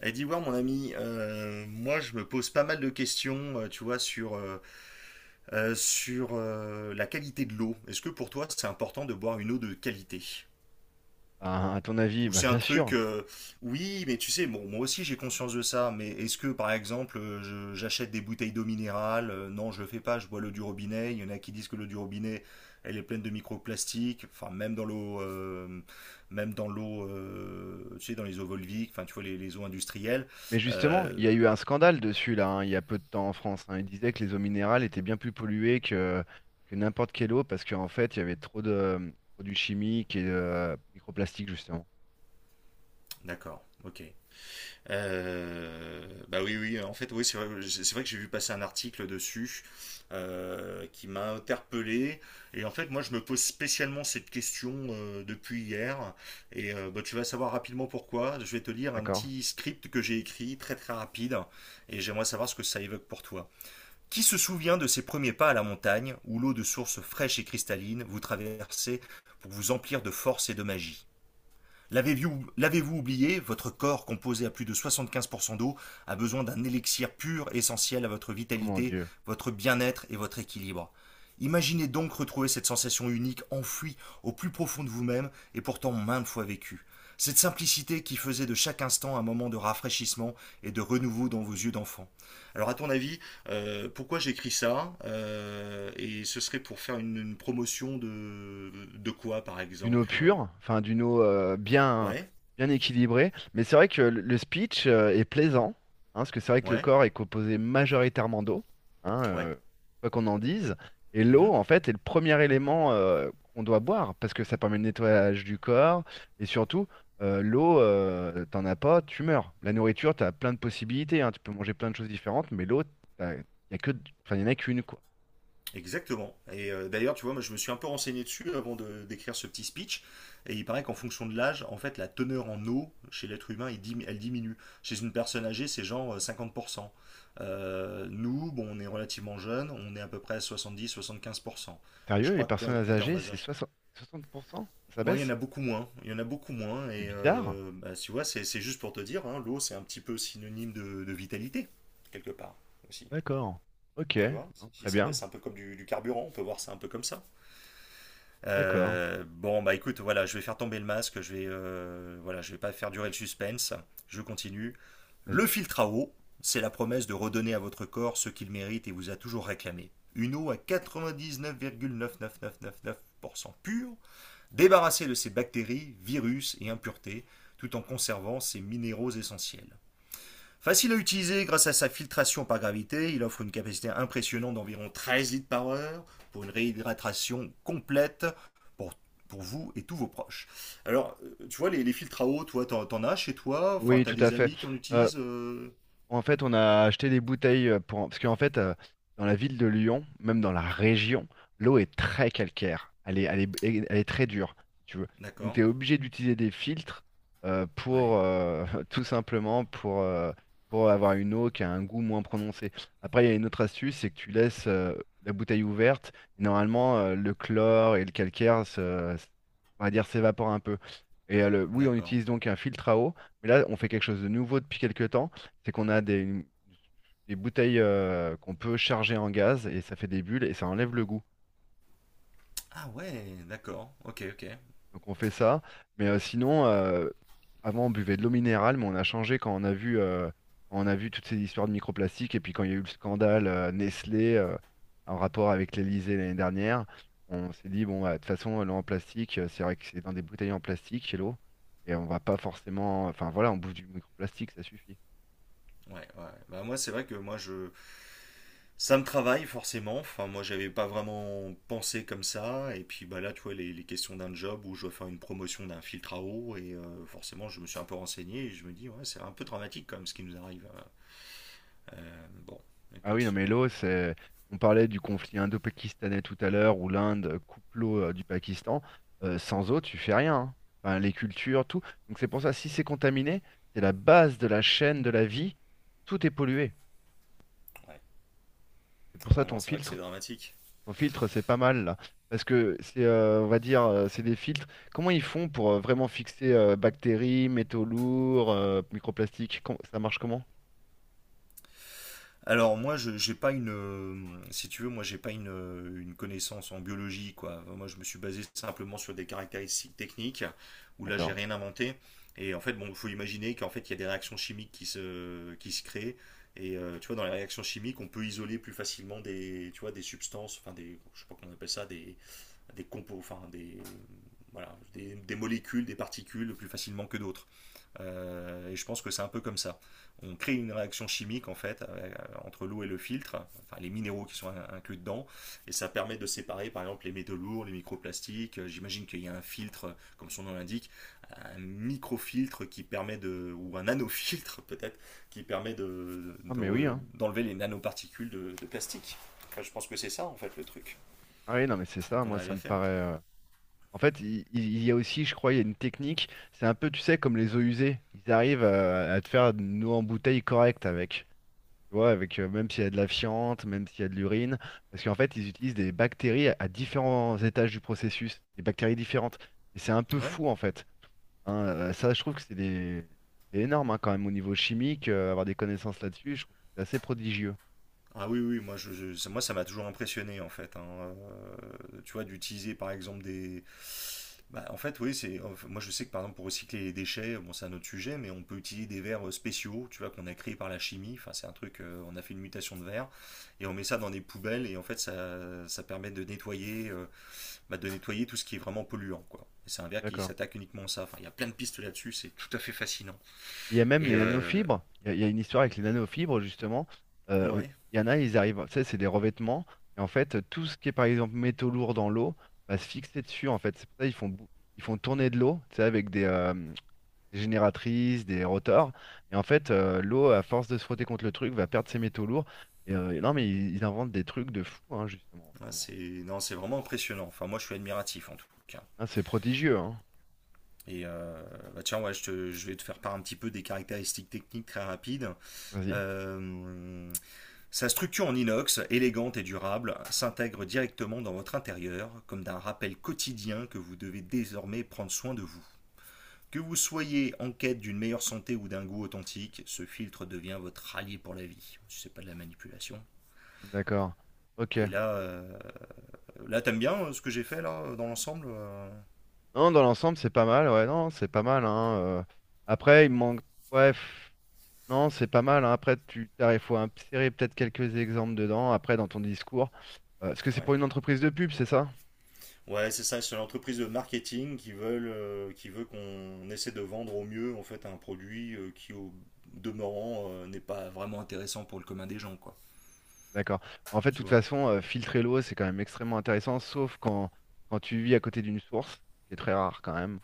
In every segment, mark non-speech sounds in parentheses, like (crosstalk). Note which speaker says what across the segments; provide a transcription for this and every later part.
Speaker 1: Elle dit ouais mon ami, moi je me pose pas mal de questions, tu vois, sur la qualité de l'eau. Est-ce que pour toi c'est important de boire une eau de qualité?
Speaker 2: Bah, à ton avis,
Speaker 1: Ou
Speaker 2: bah,
Speaker 1: c'est un
Speaker 2: bien
Speaker 1: truc,
Speaker 2: sûr.
Speaker 1: oui, mais tu sais, bon, moi aussi j'ai conscience de ça, mais est-ce que par exemple j'achète des bouteilles d'eau minérale? Non, je le fais pas, je bois l'eau du robinet. Il y en a qui disent que l'eau du robinet, elle est pleine de microplastiques, enfin même dans l'eau, euh, tu sais, dans les eaux volviques, enfin tu vois les eaux industrielles.
Speaker 2: Mais justement,
Speaker 1: Euh,
Speaker 2: il y a eu un scandale dessus là, hein, il y a peu de temps en France, hein. Il disait que les eaux minérales étaient bien plus polluées que n'importe quelle eau parce qu'en fait, il y avait trop de produits chimiques et de microplastiques justement.
Speaker 1: D'accord, ok. Bah oui, oui, en fait, oui, c'est vrai que j'ai vu passer un article dessus qui m'a interpellé. Et en fait, moi, je me pose spécialement cette question depuis hier. Et bah, tu vas savoir rapidement pourquoi. Je vais te lire un
Speaker 2: D'accord?
Speaker 1: petit script que j'ai écrit, très très rapide. Et j'aimerais savoir ce que ça évoque pour toi. Qui se souvient de ses premiers pas à la montagne, où l'eau de source fraîche et cristalline vous traversait pour vous emplir de force et de magie? L'avez-vous oublié? Votre corps, composé à plus de 75% d'eau, a besoin d'un élixir pur essentiel à votre
Speaker 2: Oh mon
Speaker 1: vitalité,
Speaker 2: Dieu.
Speaker 1: votre bien-être et votre équilibre. Imaginez donc retrouver cette sensation unique enfouie au plus profond de vous-même et pourtant maintes fois vécue. Cette simplicité qui faisait de chaque instant un moment de rafraîchissement et de renouveau dans vos yeux d'enfant. Alors à ton avis, pourquoi j'écris ça? Et ce serait pour faire une promotion de quoi par
Speaker 2: D'une eau
Speaker 1: exemple?
Speaker 2: pure, enfin d'une eau bien,
Speaker 1: Ouais,
Speaker 2: bien équilibrée. Mais c'est vrai que le speech est plaisant, hein, parce que c'est vrai que le
Speaker 1: ouais.
Speaker 2: corps est composé majoritairement d'eau, hein,
Speaker 1: Ouais.
Speaker 2: quoi qu'on en dise. Et l'eau,
Speaker 1: Mhm.
Speaker 2: en fait, est le premier élément qu'on doit boire, parce que ça permet le nettoyage du corps. Et surtout, l'eau, t'en as pas, tu meurs. La nourriture, t'as plein de possibilités, hein, tu peux manger plein de choses différentes, mais l'eau, t'as- y a que, enfin, y en a qu'une, quoi.
Speaker 1: Exactement. Et d'ailleurs, tu vois, moi, je me suis un peu renseigné dessus avant de d'écrire ce petit speech. Et il paraît qu'en fonction de l'âge, en fait, la teneur en eau chez l'être humain, elle diminue. Chez une personne âgée, c'est genre 50%. Nous, bon, on est relativement jeunes, on est à peu près à 70-75%. Et je
Speaker 2: Sérieux, les
Speaker 1: crois
Speaker 2: personnes
Speaker 1: que quand tu es en
Speaker 2: âgées,
Speaker 1: bas
Speaker 2: c'est
Speaker 1: âge.
Speaker 2: 60, 60%? Ça
Speaker 1: Moi, il y en
Speaker 2: baisse?
Speaker 1: a beaucoup moins. Il y en a beaucoup moins.
Speaker 2: C'est
Speaker 1: Et
Speaker 2: bizarre.
Speaker 1: bah, tu vois, c'est juste pour te dire, hein, l'eau, c'est un petit peu synonyme de vitalité, quelque part, aussi.
Speaker 2: D'accord. Ok.
Speaker 1: Tu vois,
Speaker 2: Non,
Speaker 1: si
Speaker 2: très
Speaker 1: ça baisse,
Speaker 2: bien.
Speaker 1: c'est un peu comme du carburant, on peut voir ça un peu comme ça.
Speaker 2: D'accord.
Speaker 1: Bon, bah écoute, voilà, je vais faire tomber le masque, voilà, je vais pas faire durer le suspense, je continue.
Speaker 2: Vas-y.
Speaker 1: Le filtre à eau, c'est la promesse de redonner à votre corps ce qu'il mérite et vous a toujours réclamé. Une eau à 99,99999% pure, débarrassée de ses bactéries, virus et impuretés, tout en conservant ses minéraux essentiels. Facile à utiliser grâce à sa filtration par gravité, il offre une capacité impressionnante d'environ 13 litres par heure pour une réhydratation complète pour, pour vous et tous vos proches. Alors, tu vois, les filtres à eau, toi, t'en as chez toi? Enfin,
Speaker 2: Oui,
Speaker 1: t'as
Speaker 2: tout à
Speaker 1: des
Speaker 2: fait.
Speaker 1: amis qui en
Speaker 2: Euh,
Speaker 1: utilisent?
Speaker 2: En fait, on a acheté des bouteilles pour... Parce qu'en fait, dans la ville de Lyon, même dans la région, l'eau est très calcaire. Elle est, elle est, elle est très dure, si tu veux. Donc,
Speaker 1: D'accord.
Speaker 2: tu es obligé d'utiliser des filtres
Speaker 1: Ouais.
Speaker 2: pour, (laughs) tout simplement, pour avoir une eau qui a un goût moins prononcé. Après, il y a une autre astuce, c'est que tu laisses la bouteille ouverte. Et normalement, le chlore et le calcaire, on va dire, s'évapore un peu. Et oui, on
Speaker 1: D'accord.
Speaker 2: utilise donc un filtre à eau. Mais là, on fait quelque chose de nouveau depuis quelques temps, c'est qu'on a des bouteilles qu'on peut charger en gaz et ça fait des bulles et ça enlève le goût.
Speaker 1: Ah ouais, d'accord. Ok, ok.
Speaker 2: Donc on fait ça. Mais sinon, avant on buvait de l'eau minérale, mais on a changé quand on a vu, quand on a vu toutes ces histoires de microplastiques et puis quand il y a eu le scandale Nestlé en rapport avec l'Elysée l'année dernière. On s'est dit bon bah, de toute façon l'eau en plastique, c'est vrai que c'est dans des bouteilles en plastique l'eau, et on va pas forcément, enfin voilà, on bouffe du microplastique, ça suffit.
Speaker 1: Ouais, ouais. Bah moi, c'est vrai que moi, je, ça me travaille forcément. Enfin, moi, j'avais pas vraiment pensé comme ça. Et puis, bah là, tu vois, les questions d'un job où je dois faire une promotion d'un filtre à eau. Et forcément, je me suis un peu renseigné et je me dis, ouais, c'est un peu dramatique quand même ce qui nous arrive. Bon,
Speaker 2: Ah oui, non,
Speaker 1: écoute.
Speaker 2: mais l'eau, c'est. On parlait du conflit indo-pakistanais tout à l'heure, où l'Inde coupe l'eau du Pakistan. Sans eau, tu fais rien, hein. Enfin, les cultures, tout. Donc c'est pour ça, si c'est contaminé, c'est la base de la chaîne de la vie. Tout est pollué.
Speaker 1: Ouais.
Speaker 2: C'est pour ça
Speaker 1: Non, non,
Speaker 2: ton
Speaker 1: c'est vrai que c'est
Speaker 2: filtre.
Speaker 1: dramatique.
Speaker 2: Ton filtre, c'est pas mal là. Parce que c'est, on va dire, c'est des filtres. Comment ils font pour vraiment fixer bactéries, métaux lourds, microplastiques? Ça marche comment?
Speaker 1: Alors moi, je j'ai pas une, si tu veux, moi j'ai pas une connaissance en biologie quoi. Moi, je me suis basé simplement sur des caractéristiques techniques où là j'ai
Speaker 2: D'accord.
Speaker 1: rien inventé. Et en fait, bon, faut imaginer qu'en fait il y a des réactions chimiques qui se créent. Et tu vois, dans les réactions chimiques, on peut isoler plus facilement des, tu vois, des substances, enfin des, je sais pas comment on appelle ça, des compos, enfin des, voilà, des molécules, des particules plus facilement que d'autres. Et je pense que c'est un peu comme ça. On crée une réaction chimique en fait entre l'eau et le filtre, enfin les minéraux qui sont inclus dedans, et ça permet de séparer par exemple les métaux lourds, les microplastiques. J'imagine qu'il y a un filtre, comme son nom l'indique, un microfiltre qui permet de, ou un nanofiltre peut-être, qui permet
Speaker 2: Ah mais oui,
Speaker 1: de
Speaker 2: hein.
Speaker 1: d'enlever les nanoparticules de plastique. Enfin, je pense que c'est ça en fait le truc
Speaker 2: Ah oui, non, mais c'est ça,
Speaker 1: qu'on
Speaker 2: moi
Speaker 1: arrive
Speaker 2: ça
Speaker 1: à
Speaker 2: me
Speaker 1: faire.
Speaker 2: paraît, en fait, y a aussi, je crois, il y a une technique. C'est un peu, tu sais, comme les eaux usées. Ils arrivent à te faire une eau en bouteille correcte avec. Tu vois, avec même s'il y a de la fiente, même s'il y a de l'urine. Parce qu'en fait, ils utilisent des bactéries à différents étages du processus, des bactéries différentes. Et c'est un peu
Speaker 1: Ouais,
Speaker 2: fou, en fait. Hein, ça, je trouve que c'est des... c'est énorme, hein, quand même, au niveau chimique, avoir des connaissances là-dessus, je trouve que c'est assez prodigieux.
Speaker 1: ah oui, oui, moi, ça m'a toujours impressionné en fait, hein. Tu vois, d'utiliser par exemple des. Bah, en fait, oui, c'est. En fait, moi je sais que par exemple pour recycler les déchets, bon, c'est un autre sujet, mais on peut utiliser des verres spéciaux, tu vois, qu'on a créés par la chimie. Enfin, c'est un truc, on a fait une mutation de verre et on met ça dans des poubelles et en fait ça permet de nettoyer, bah, de nettoyer tout ce qui est vraiment polluant, quoi. Et c'est un verre qui
Speaker 2: D'accord.
Speaker 1: s'attaque uniquement à ça. Enfin, il y a plein de pistes là-dessus, c'est tout à fait fascinant.
Speaker 2: Il y a même
Speaker 1: Et
Speaker 2: les nanofibres. Il y a une histoire avec les nanofibres, justement. Euh,
Speaker 1: ouais,
Speaker 2: il y en a, ils arrivent. Ça, c'est des revêtements. Et en fait, tout ce qui est, par exemple, métaux lourds dans l'eau va se fixer dessus. En fait, c'est pour ça qu'ils font, ils font tourner de l'eau, tu sais, avec des génératrices, des rotors. Et en fait, l'eau, à force de se frotter contre le truc, va perdre ses métaux lourds. Et non, mais ils inventent des trucs de fou, hein, justement, en ce
Speaker 1: ouais,
Speaker 2: moment.
Speaker 1: c'est non, c'est vraiment impressionnant. Enfin, moi je suis admiratif en tout cas.
Speaker 2: Hein, c'est prodigieux, hein.
Speaker 1: Et bah tiens, ouais, je vais te faire part un petit peu des caractéristiques techniques très rapides.
Speaker 2: Vas-y.
Speaker 1: Euh, Sa structure en inox, élégante et durable, s'intègre directement dans votre intérieur, comme d'un rappel quotidien que vous devez désormais prendre soin de vous. Que vous soyez en quête d'une meilleure santé ou d'un goût authentique, ce filtre devient votre allié pour la vie. Si c'est pas de la manipulation.
Speaker 2: D'accord. Ok.
Speaker 1: Et là, là t'aimes bien ce que j'ai fait là dans l'ensemble?
Speaker 2: Non, dans l'ensemble, c'est pas mal. Ouais, non, c'est pas mal, hein. Après, il me manque. Ouais, pff, non, c'est pas mal, hein. Après, il faut insérer peut-être quelques exemples dedans, après, dans ton discours. Parce que c'est pour
Speaker 1: Ouais.
Speaker 2: une entreprise de pub, c'est ça?
Speaker 1: Ouais, c'est ça, c'est une entreprise de marketing qui veulent, qui veut qu'on essaie de vendre au mieux en fait un produit qui au demeurant n'est pas vraiment intéressant pour le commun des gens quoi.
Speaker 2: D'accord. En fait, de
Speaker 1: Tu
Speaker 2: toute
Speaker 1: vois?
Speaker 2: façon, filtrer l'eau, c'est quand même extrêmement intéressant, sauf quand, quand tu vis à côté d'une source, ce qui est très rare quand même,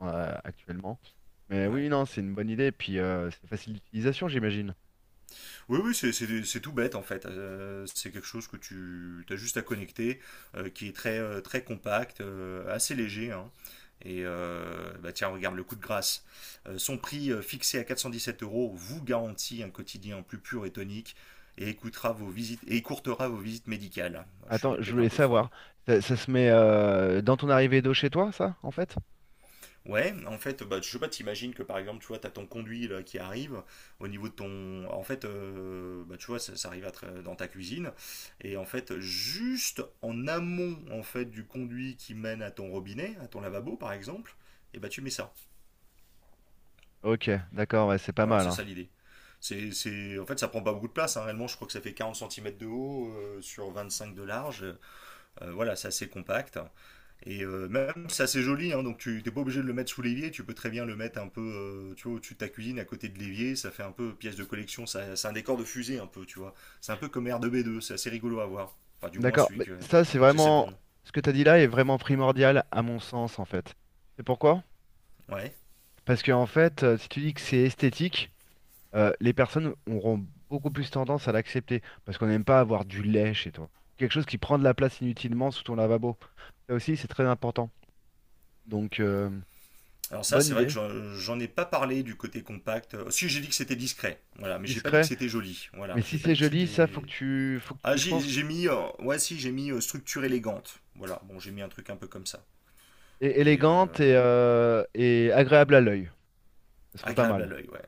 Speaker 2: actuellement. Mais
Speaker 1: Ouais.
Speaker 2: oui, non, c'est une bonne idée. Puis, c'est facile d'utilisation, j'imagine.
Speaker 1: Oui, oui, c'est tout bête en fait. C'est quelque chose que tu as juste à connecter, qui est très, très compact, assez léger, hein. Et bah tiens, regarde le coup de grâce. Son prix fixé à 417 euros vous garantit un quotidien plus pur et tonique et écourtera vos visites médicales. Je suis
Speaker 2: Attends,
Speaker 1: allé
Speaker 2: je
Speaker 1: peut-être
Speaker 2: voulais
Speaker 1: un peu
Speaker 2: savoir,
Speaker 1: fort.
Speaker 2: ça se met dans ton arrivée d'eau chez toi, ça, en fait?
Speaker 1: Ouais, en fait, bah, je sais pas, t'imagines que par exemple, tu vois, t'as ton conduit là, qui arrive au niveau de ton. En fait, bah, tu vois, ça arrive dans ta cuisine. Et en fait, juste en amont en fait, du conduit qui mène à ton robinet, à ton lavabo par exemple, et bah, tu mets ça.
Speaker 2: Ok, d'accord, ouais, c'est pas
Speaker 1: Voilà,
Speaker 2: mal,
Speaker 1: c'est
Speaker 2: hein.
Speaker 1: ça l'idée. C'est... En fait, ça prend pas beaucoup de place, hein. Réellement, je crois que ça fait 40 centimètres de haut sur 5 de large. Voilà, c'est assez compact. Et même, si c'est assez joli, hein, donc tu t'es pas obligé de le mettre sous l'évier, tu peux très bien le mettre un peu, tu vois, au-dessus de ta cuisine, à côté de l'évier, ça fait un peu pièce de collection, c'est un décor de fusée un peu, tu vois. C'est un peu comme R2B2, c'est assez rigolo à voir. Enfin, du moins
Speaker 2: D'accord,
Speaker 1: celui
Speaker 2: mais
Speaker 1: que
Speaker 2: ça c'est
Speaker 1: j'essaie de
Speaker 2: vraiment,
Speaker 1: vendre.
Speaker 2: ce que tu as dit là est vraiment primordial à mon sens en fait. C'est pourquoi?
Speaker 1: Ouais.
Speaker 2: Parce que en fait, si tu dis que c'est esthétique, les personnes auront beaucoup plus tendance à l'accepter parce qu'on n'aime pas avoir du lait chez toi, quelque chose qui prend de la place inutilement sous ton lavabo. Ça aussi, c'est très important. Donc
Speaker 1: Alors ça,
Speaker 2: bonne
Speaker 1: c'est vrai que
Speaker 2: idée,
Speaker 1: j'en ai pas parlé du côté compact. Si, j'ai dit que c'était discret, voilà, mais j'ai pas dit que
Speaker 2: discret,
Speaker 1: c'était joli, voilà,
Speaker 2: mais
Speaker 1: j'ai
Speaker 2: si
Speaker 1: pas
Speaker 2: c'est
Speaker 1: dit que
Speaker 2: joli, ça
Speaker 1: c'était...
Speaker 2: faut que
Speaker 1: Ah,
Speaker 2: tu, je pense,
Speaker 1: j'ai mis, ouais, si, j'ai mis structure élégante, voilà, bon, j'ai mis un truc un peu comme ça. Et
Speaker 2: élégante et agréable à l'œil. Ce serait pas
Speaker 1: agréable à
Speaker 2: mal.
Speaker 1: l'œil, ouais.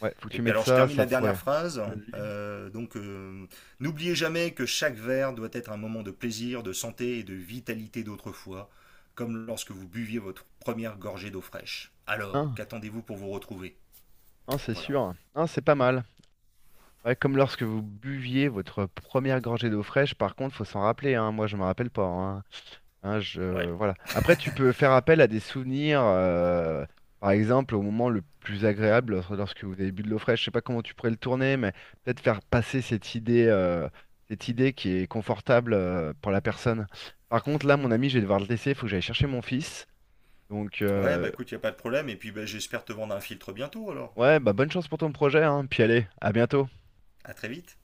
Speaker 2: Ouais, faut que
Speaker 1: Et
Speaker 2: tu
Speaker 1: puis
Speaker 2: mettes
Speaker 1: alors je
Speaker 2: ça,
Speaker 1: termine
Speaker 2: ça
Speaker 1: la dernière
Speaker 2: pourrait.
Speaker 1: phrase.
Speaker 2: Vas-y.
Speaker 1: Euh, donc euh, N'oubliez jamais que chaque verre doit être un moment de plaisir, de santé et de vitalité d'autrefois, comme lorsque vous buviez votre première gorgée d'eau fraîche. Alors,
Speaker 2: Un,
Speaker 1: qu'attendez-vous pour vous retrouver?
Speaker 2: un, c'est
Speaker 1: Voilà.
Speaker 2: sûr. Un, c'est pas mal. Ouais, comme lorsque vous buviez votre première gorgée d'eau fraîche, par contre, faut s'en rappeler, hein. Moi, je me rappelle pas, hein. Hein, je...
Speaker 1: Ouais.
Speaker 2: Voilà. Après, tu peux faire appel à des souvenirs, par exemple, au moment le plus agréable, lorsque vous avez bu de l'eau fraîche. Je sais pas comment tu pourrais le tourner, mais peut-être faire passer cette idée qui est confortable, pour la personne. Par contre, là, mon ami, je vais devoir le laisser, il faut que j'aille chercher mon fils. Donc,
Speaker 1: Ouais, bah écoute, il y a pas de problème. Et puis bah, j'espère te vendre un filtre bientôt alors.
Speaker 2: ouais, bah bonne chance pour ton projet, hein. Puis allez, à bientôt.
Speaker 1: À très vite.